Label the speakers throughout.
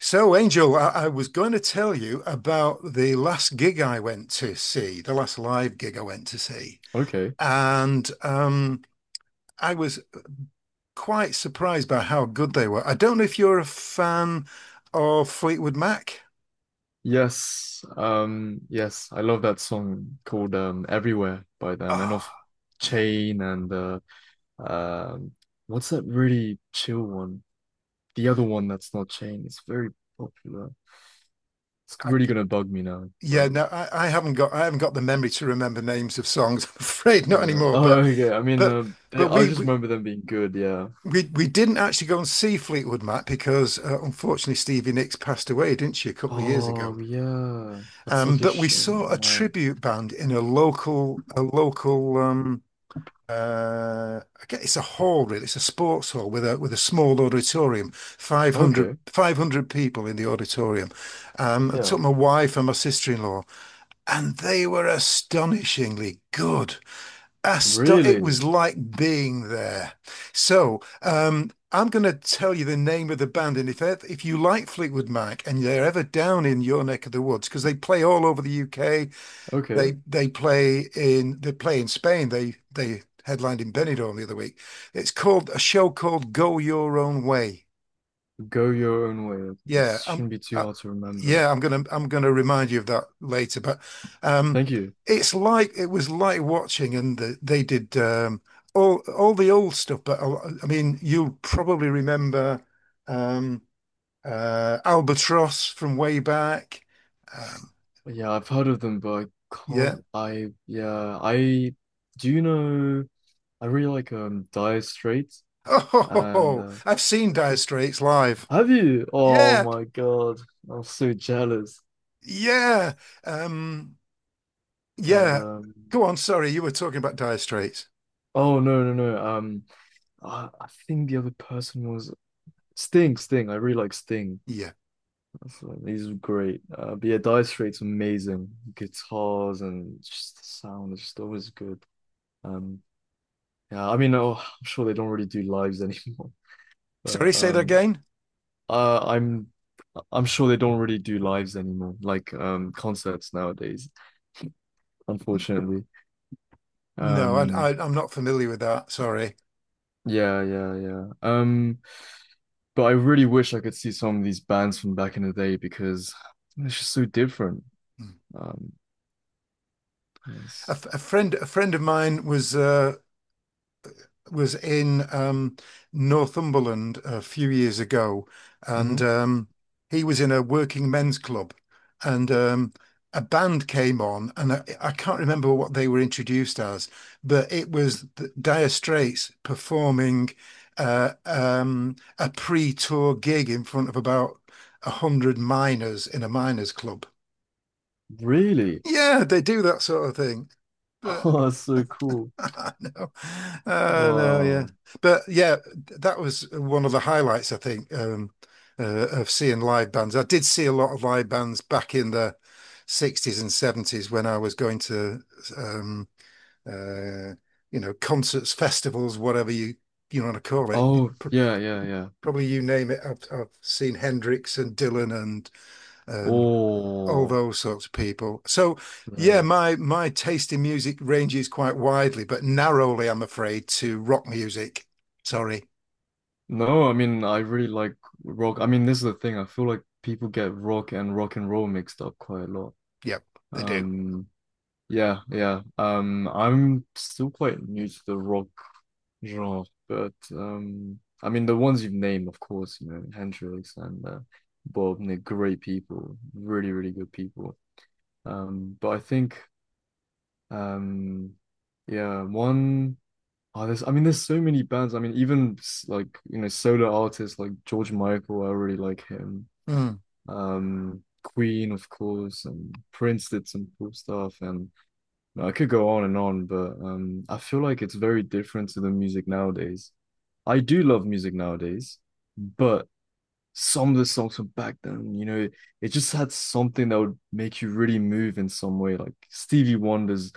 Speaker 1: So, Angel, I was going to tell you about the last gig I went to see, the last live gig I went to see.
Speaker 2: Okay.
Speaker 1: And I was quite surprised by how good they were. I don't know if you're a fan of Fleetwood Mac.
Speaker 2: Yes. Yes, I love that song called Everywhere by them and off
Speaker 1: Oh, yeah.
Speaker 2: Chain and um what's that really chill one? The other one that's not Chain. It's very popular. It's
Speaker 1: I,
Speaker 2: really gonna bug me now,
Speaker 1: yeah,
Speaker 2: but
Speaker 1: no, I haven't got the memory to remember names of songs, I'm afraid, not
Speaker 2: yeah.
Speaker 1: anymore.
Speaker 2: Oh, okay.
Speaker 1: But but
Speaker 2: I
Speaker 1: we
Speaker 2: just
Speaker 1: we
Speaker 2: remember them being good, yeah.
Speaker 1: we, we didn't actually go and see Fleetwood Mac because unfortunately Stevie Nicks passed away, didn't she, a couple of years ago?
Speaker 2: Oh, yeah. That's such a
Speaker 1: But we saw a
Speaker 2: shame. Yeah.
Speaker 1: tribute band in a local, a local, I guess it's a hall, really. It's a sports hall with a small auditorium,
Speaker 2: Okay.
Speaker 1: 500 people in the auditorium. I
Speaker 2: Yeah.
Speaker 1: took my wife and my sister-in-law, and they were astonishingly good. Asto It
Speaker 2: Really?
Speaker 1: was like being there. I'm going to tell you the name of the band, and if you like Fleetwood Mac and they're ever down in your neck of the woods, because they play all over the UK,
Speaker 2: Okay.
Speaker 1: they play in Spain. They headlined in Benidorm the other week. It's called a show called Go Your Own Way.
Speaker 2: Go your own way.
Speaker 1: Yeah,
Speaker 2: This
Speaker 1: I'm
Speaker 2: shouldn't be too
Speaker 1: I,
Speaker 2: hard to remember.
Speaker 1: yeah, I'm gonna remind you of that later. But um,
Speaker 2: Thank you.
Speaker 1: it's like it was like watching, and the, they did all the old stuff. I mean, you'll probably remember um, Albatross from way back. Um,
Speaker 2: Yeah, I've heard of them, but I
Speaker 1: yeah.
Speaker 2: can't. I yeah, I do you know. I really like Dire Straits, and
Speaker 1: Oh, I've seen Dire Straits live.
Speaker 2: have you? Oh
Speaker 1: Yeah,
Speaker 2: my God, I'm so jealous.
Speaker 1: yeah, um,
Speaker 2: And
Speaker 1: yeah. Go on. Sorry, you were talking about Dire Straits.
Speaker 2: oh no no no. I think the other person was Sting. Sting. I really like Sting.
Speaker 1: Yeah.
Speaker 2: So these are great. But yeah, Dire Straits amazing. Guitars and just the sound is just always good. Um, yeah, I mean, oh, I'm sure they don't really do lives anymore.
Speaker 1: Sorry,
Speaker 2: But
Speaker 1: say that again.
Speaker 2: Uh, I'm I'm sure they don't really do lives anymore, like concerts nowadays,
Speaker 1: N-
Speaker 2: unfortunately.
Speaker 1: No,
Speaker 2: Um
Speaker 1: I'm not familiar with that. Sorry.
Speaker 2: yeah, yeah, yeah. But I really wish I could see some of these bands from back in the day because it's just so different.
Speaker 1: Mm.
Speaker 2: Um yes.
Speaker 1: A friend of mine was in Northumberland a few years ago,
Speaker 2: Hmm.
Speaker 1: and he was in a working men's club, and a band came on, and I can't remember what they were introduced as, but it was the Dire Straits performing a pre-tour gig in front of about 100 miners in a miners' club.
Speaker 2: Really?
Speaker 1: Yeah, they do that sort of thing, but.
Speaker 2: Oh, that's so cool.
Speaker 1: No. Oh no, yeah.
Speaker 2: Wow.
Speaker 1: But yeah, that was one of the highlights, I think, of seeing live bands. I did see a lot of live bands back in the 60s and 70s when I was going to, um, uh, concerts, festivals, whatever you want to call it.
Speaker 2: Oh, yeah, yeah, yeah.
Speaker 1: Probably you name it. I've seen Hendrix and Dylan and um, all
Speaker 2: Oh,
Speaker 1: those sorts of people. So yeah,
Speaker 2: yeah.
Speaker 1: my taste in music ranges quite widely, but narrowly, I'm afraid, to rock music. Sorry.
Speaker 2: No, I mean, I really like rock. I mean, this is the thing. I feel like people get rock and rock and roll mixed up quite a lot.
Speaker 1: Yep, they do.
Speaker 2: Um, yeah, yeah. I'm still quite new to the rock genre, but I mean, the ones you've named, of course, you know, Hendrix and Bob, they're great people, really, really good people. But I think, um, yeah, one. Oh, I mean, there's so many bands. I mean, even like, you know, solo artists like George Michael, I really like him.
Speaker 1: Mm.
Speaker 2: Queen, of course, and Prince did some cool stuff. And you know, I could go on and on, but I feel like it's very different to the music nowadays. I do love music nowadays, but some of the songs from back then, you know, it just had something that would make you really move in some way, like Stevie Wonder's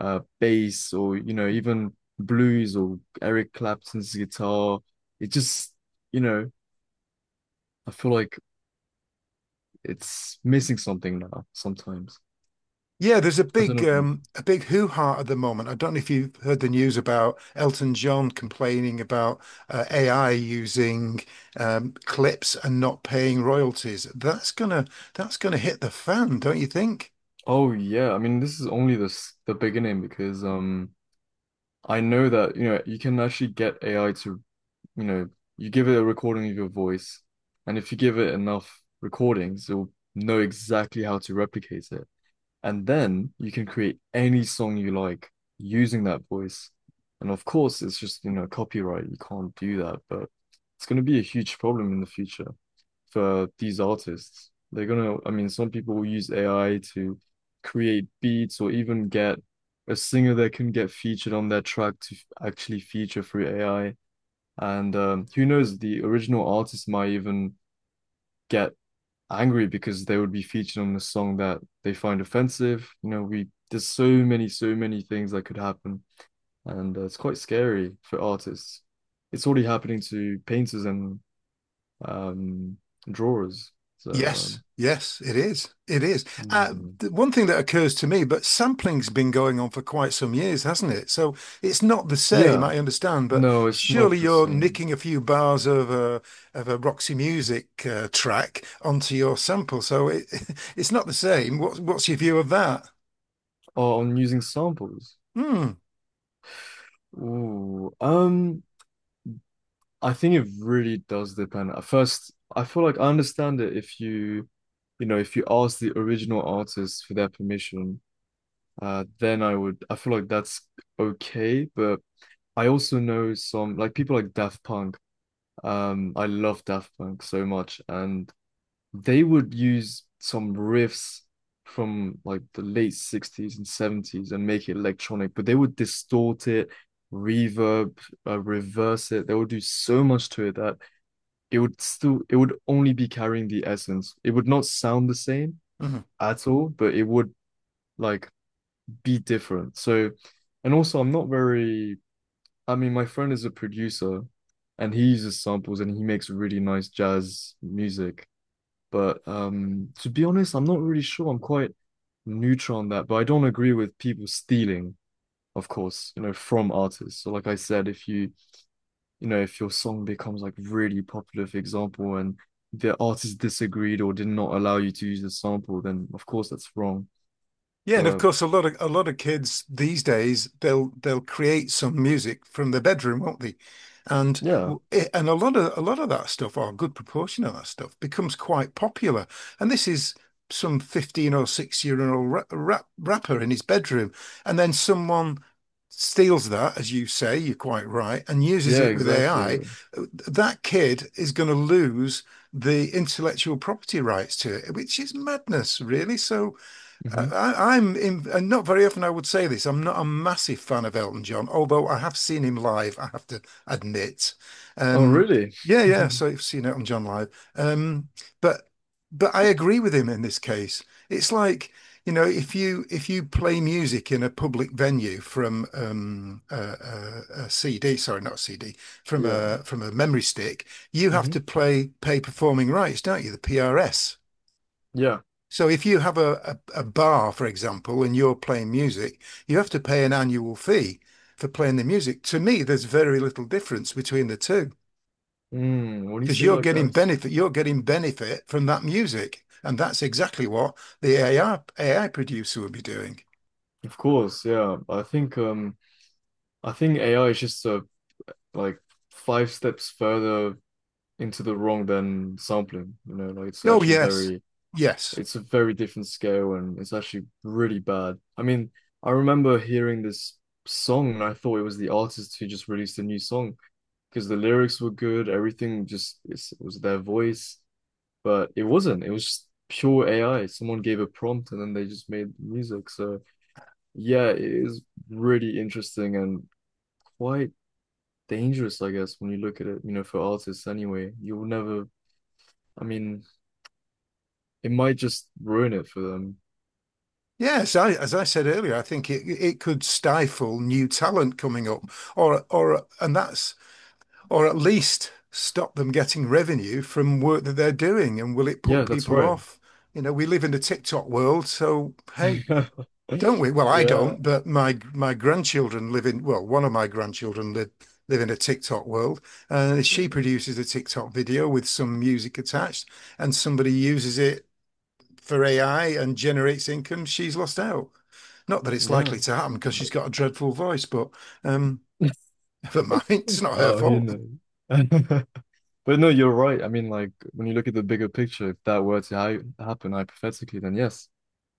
Speaker 2: bass or you know, even blues or Eric Clapton's guitar. It just, you know, I feel like it's missing something now sometimes.
Speaker 1: Yeah, there's
Speaker 2: I don't know what you think.
Speaker 1: a big hoo ha at the moment. I don't know if you've heard the news about Elton John complaining about AI using clips and not paying royalties. That's gonna hit the fan, don't you think?
Speaker 2: Oh yeah, I mean this is only the beginning because I know that you know you can actually get AI to you know, you give it a recording of your voice, and if you give it enough recordings, it'll know exactly how to replicate it. And then you can create any song you like using that voice. And of course, it's just, you know, copyright. You can't do that, but it's going to be a huge problem in the future for these artists. I mean, some people will use AI to create beats or even get a singer that can get featured on their track to actually feature through AI and who knows, the original artist might even get angry because they would be featured on a song that they find offensive. You know, we there's so many, so many things that could happen, and it's quite scary for artists. It's already happening to painters and um, drawers. So
Speaker 1: Yes,
Speaker 2: um,
Speaker 1: yes, it is. It is.
Speaker 2: mm,
Speaker 1: One thing that occurs to me, but sampling's been going on for quite some years, hasn't it? So it's not the same,
Speaker 2: yeah,
Speaker 1: I understand, but
Speaker 2: no, it's not
Speaker 1: surely
Speaker 2: the
Speaker 1: you're
Speaker 2: same.
Speaker 1: nicking a few bars of a Roxy Music track onto your sample, so it it's not the same. What's your view of that?
Speaker 2: Oh, on using samples.
Speaker 1: Hmm.
Speaker 2: Ooh, I think it really does depend. At first, I feel like I understand it if you know, if you ask the original artist for their permission, then I feel like that's okay. But I also know some, like people like Daft Punk. I love Daft Punk so much, and they would use some riffs from like the late 60s and 70s and make it electronic, but they would distort it, reverb, reverse it. They would do so much to it that it would only be carrying the essence. It would not sound the same
Speaker 1: hmm.
Speaker 2: at all, but it would like be different. So, and also I'm not very, I mean, my friend is a producer and he uses samples and he makes really nice jazz music. But to be honest, I'm not really sure. I'm quite neutral on that, but I don't agree with people stealing, of course, you know, from artists. So like I said, if you know, if your song becomes like really popular, for example, and the artist disagreed or did not allow you to use the sample, then of course that's wrong.
Speaker 1: Yeah, and of
Speaker 2: But
Speaker 1: course, a lot of kids these days they'll create some music from their bedroom, won't they? And
Speaker 2: yeah,
Speaker 1: w- i- and a lot of that stuff, or a good proportion of that stuff, becomes quite popular. And this is some 15 or 6-year-old rapper in his bedroom, and then someone steals that, as you say, you're quite right, and uses
Speaker 2: yeah,
Speaker 1: it with
Speaker 2: exactly.
Speaker 1: AI. That kid is going to lose the intellectual property rights to it, which is madness, really. So.
Speaker 2: Hmm.
Speaker 1: And not very often I would say this. I'm not a massive fan of Elton John, although I have seen him live, I have to admit.
Speaker 2: Oh,
Speaker 1: Um,
Speaker 2: really?
Speaker 1: yeah, yeah. So I've seen Elton John live. Um, but but I agree with him in this case. It's like, you know, if you play music in a public venue from a CD, sorry, not a CD,
Speaker 2: Yeah.
Speaker 1: from a memory stick, you have to
Speaker 2: Hmm.
Speaker 1: play pay performing rights, don't you? The PRS.
Speaker 2: Yeah.
Speaker 1: So if you have a bar, for example, and you're playing music, you have to pay an annual fee for playing the music. To me, there's very little difference between the two
Speaker 2: Mm, when you
Speaker 1: because
Speaker 2: say it like that,
Speaker 1: you're getting benefit from that music. And that's exactly what AI producer would be doing.
Speaker 2: of course, yeah. I think AI is just like five steps further into the wrong than sampling. You know, like it's
Speaker 1: Oh,
Speaker 2: actually
Speaker 1: yes.
Speaker 2: very
Speaker 1: Yes.
Speaker 2: It's a very different scale and it's actually really bad. I mean, I remember hearing this song and I thought it was the artist who just released a new song because the lyrics were good, it was their voice, but it wasn't. It was just pure AI. Someone gave a prompt and then they just made music. So yeah, it is really interesting and quite dangerous, I guess, when you look at it, you know, for artists anyway. You'll never, I mean, it might just ruin it for them.
Speaker 1: Yes, I, as I said earlier, I think it could stifle new talent coming up, or and that's or at least stop them getting revenue from work that they're doing? And will it
Speaker 2: Yeah,
Speaker 1: put
Speaker 2: that's
Speaker 1: people
Speaker 2: right.
Speaker 1: off? You know, we live in a TikTok world, so hey, don't we? Well, I
Speaker 2: Yeah,
Speaker 1: don't, but my grandchildren live in, well, one of my grandchildren live in a TikTok world, and she produces a TikTok video with some music attached, and somebody uses it for AI and generates income, she's lost out. Not that it's
Speaker 2: yeah.
Speaker 1: likely to happen because she's got a dreadful voice, but um, never mind, it's not her
Speaker 2: Oh, who
Speaker 1: fault.
Speaker 2: knows? But no, you're right. I mean, like when you look at the bigger picture, if that were to ha happen hypothetically, then yes,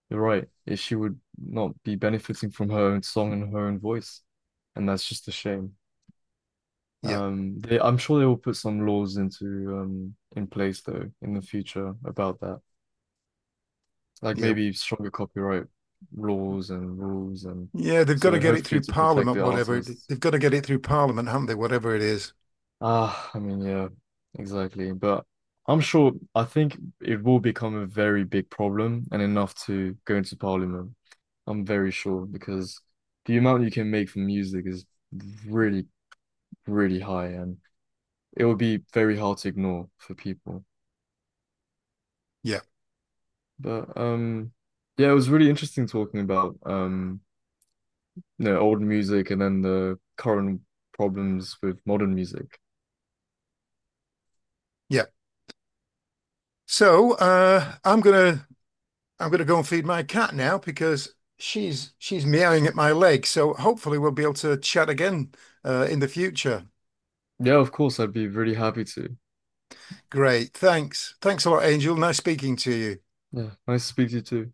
Speaker 2: you're right. If she would not be benefiting from her own song and her own voice, and that's just a shame.
Speaker 1: Yeah,
Speaker 2: I'm sure they will put some laws into in place though in the future about that, like
Speaker 1: yeah.
Speaker 2: maybe stronger copyright laws and rules, and
Speaker 1: Yeah, they've got to
Speaker 2: so
Speaker 1: get it
Speaker 2: hopefully
Speaker 1: through
Speaker 2: to protect
Speaker 1: Parliament,
Speaker 2: the artists.
Speaker 1: they've got to get it through Parliament, haven't they? Whatever it is.
Speaker 2: Ah, I mean, yeah, exactly. But I think it will become a very big problem and enough to go into parliament. I'm very sure because the amount you can make from music is really, really high and it will be very hard to ignore for people.
Speaker 1: Yeah,
Speaker 2: But yeah, it was really interesting talking about you know old music and then the current problems with modern music.
Speaker 1: yeah. So I'm gonna go and feed my cat now because she's meowing at my leg. So hopefully we'll be able to chat again in the future.
Speaker 2: Yeah, of course, I'd be really happy to.
Speaker 1: Great, thanks a lot, Angel. Nice speaking to you.
Speaker 2: Yeah, nice to speak to you too.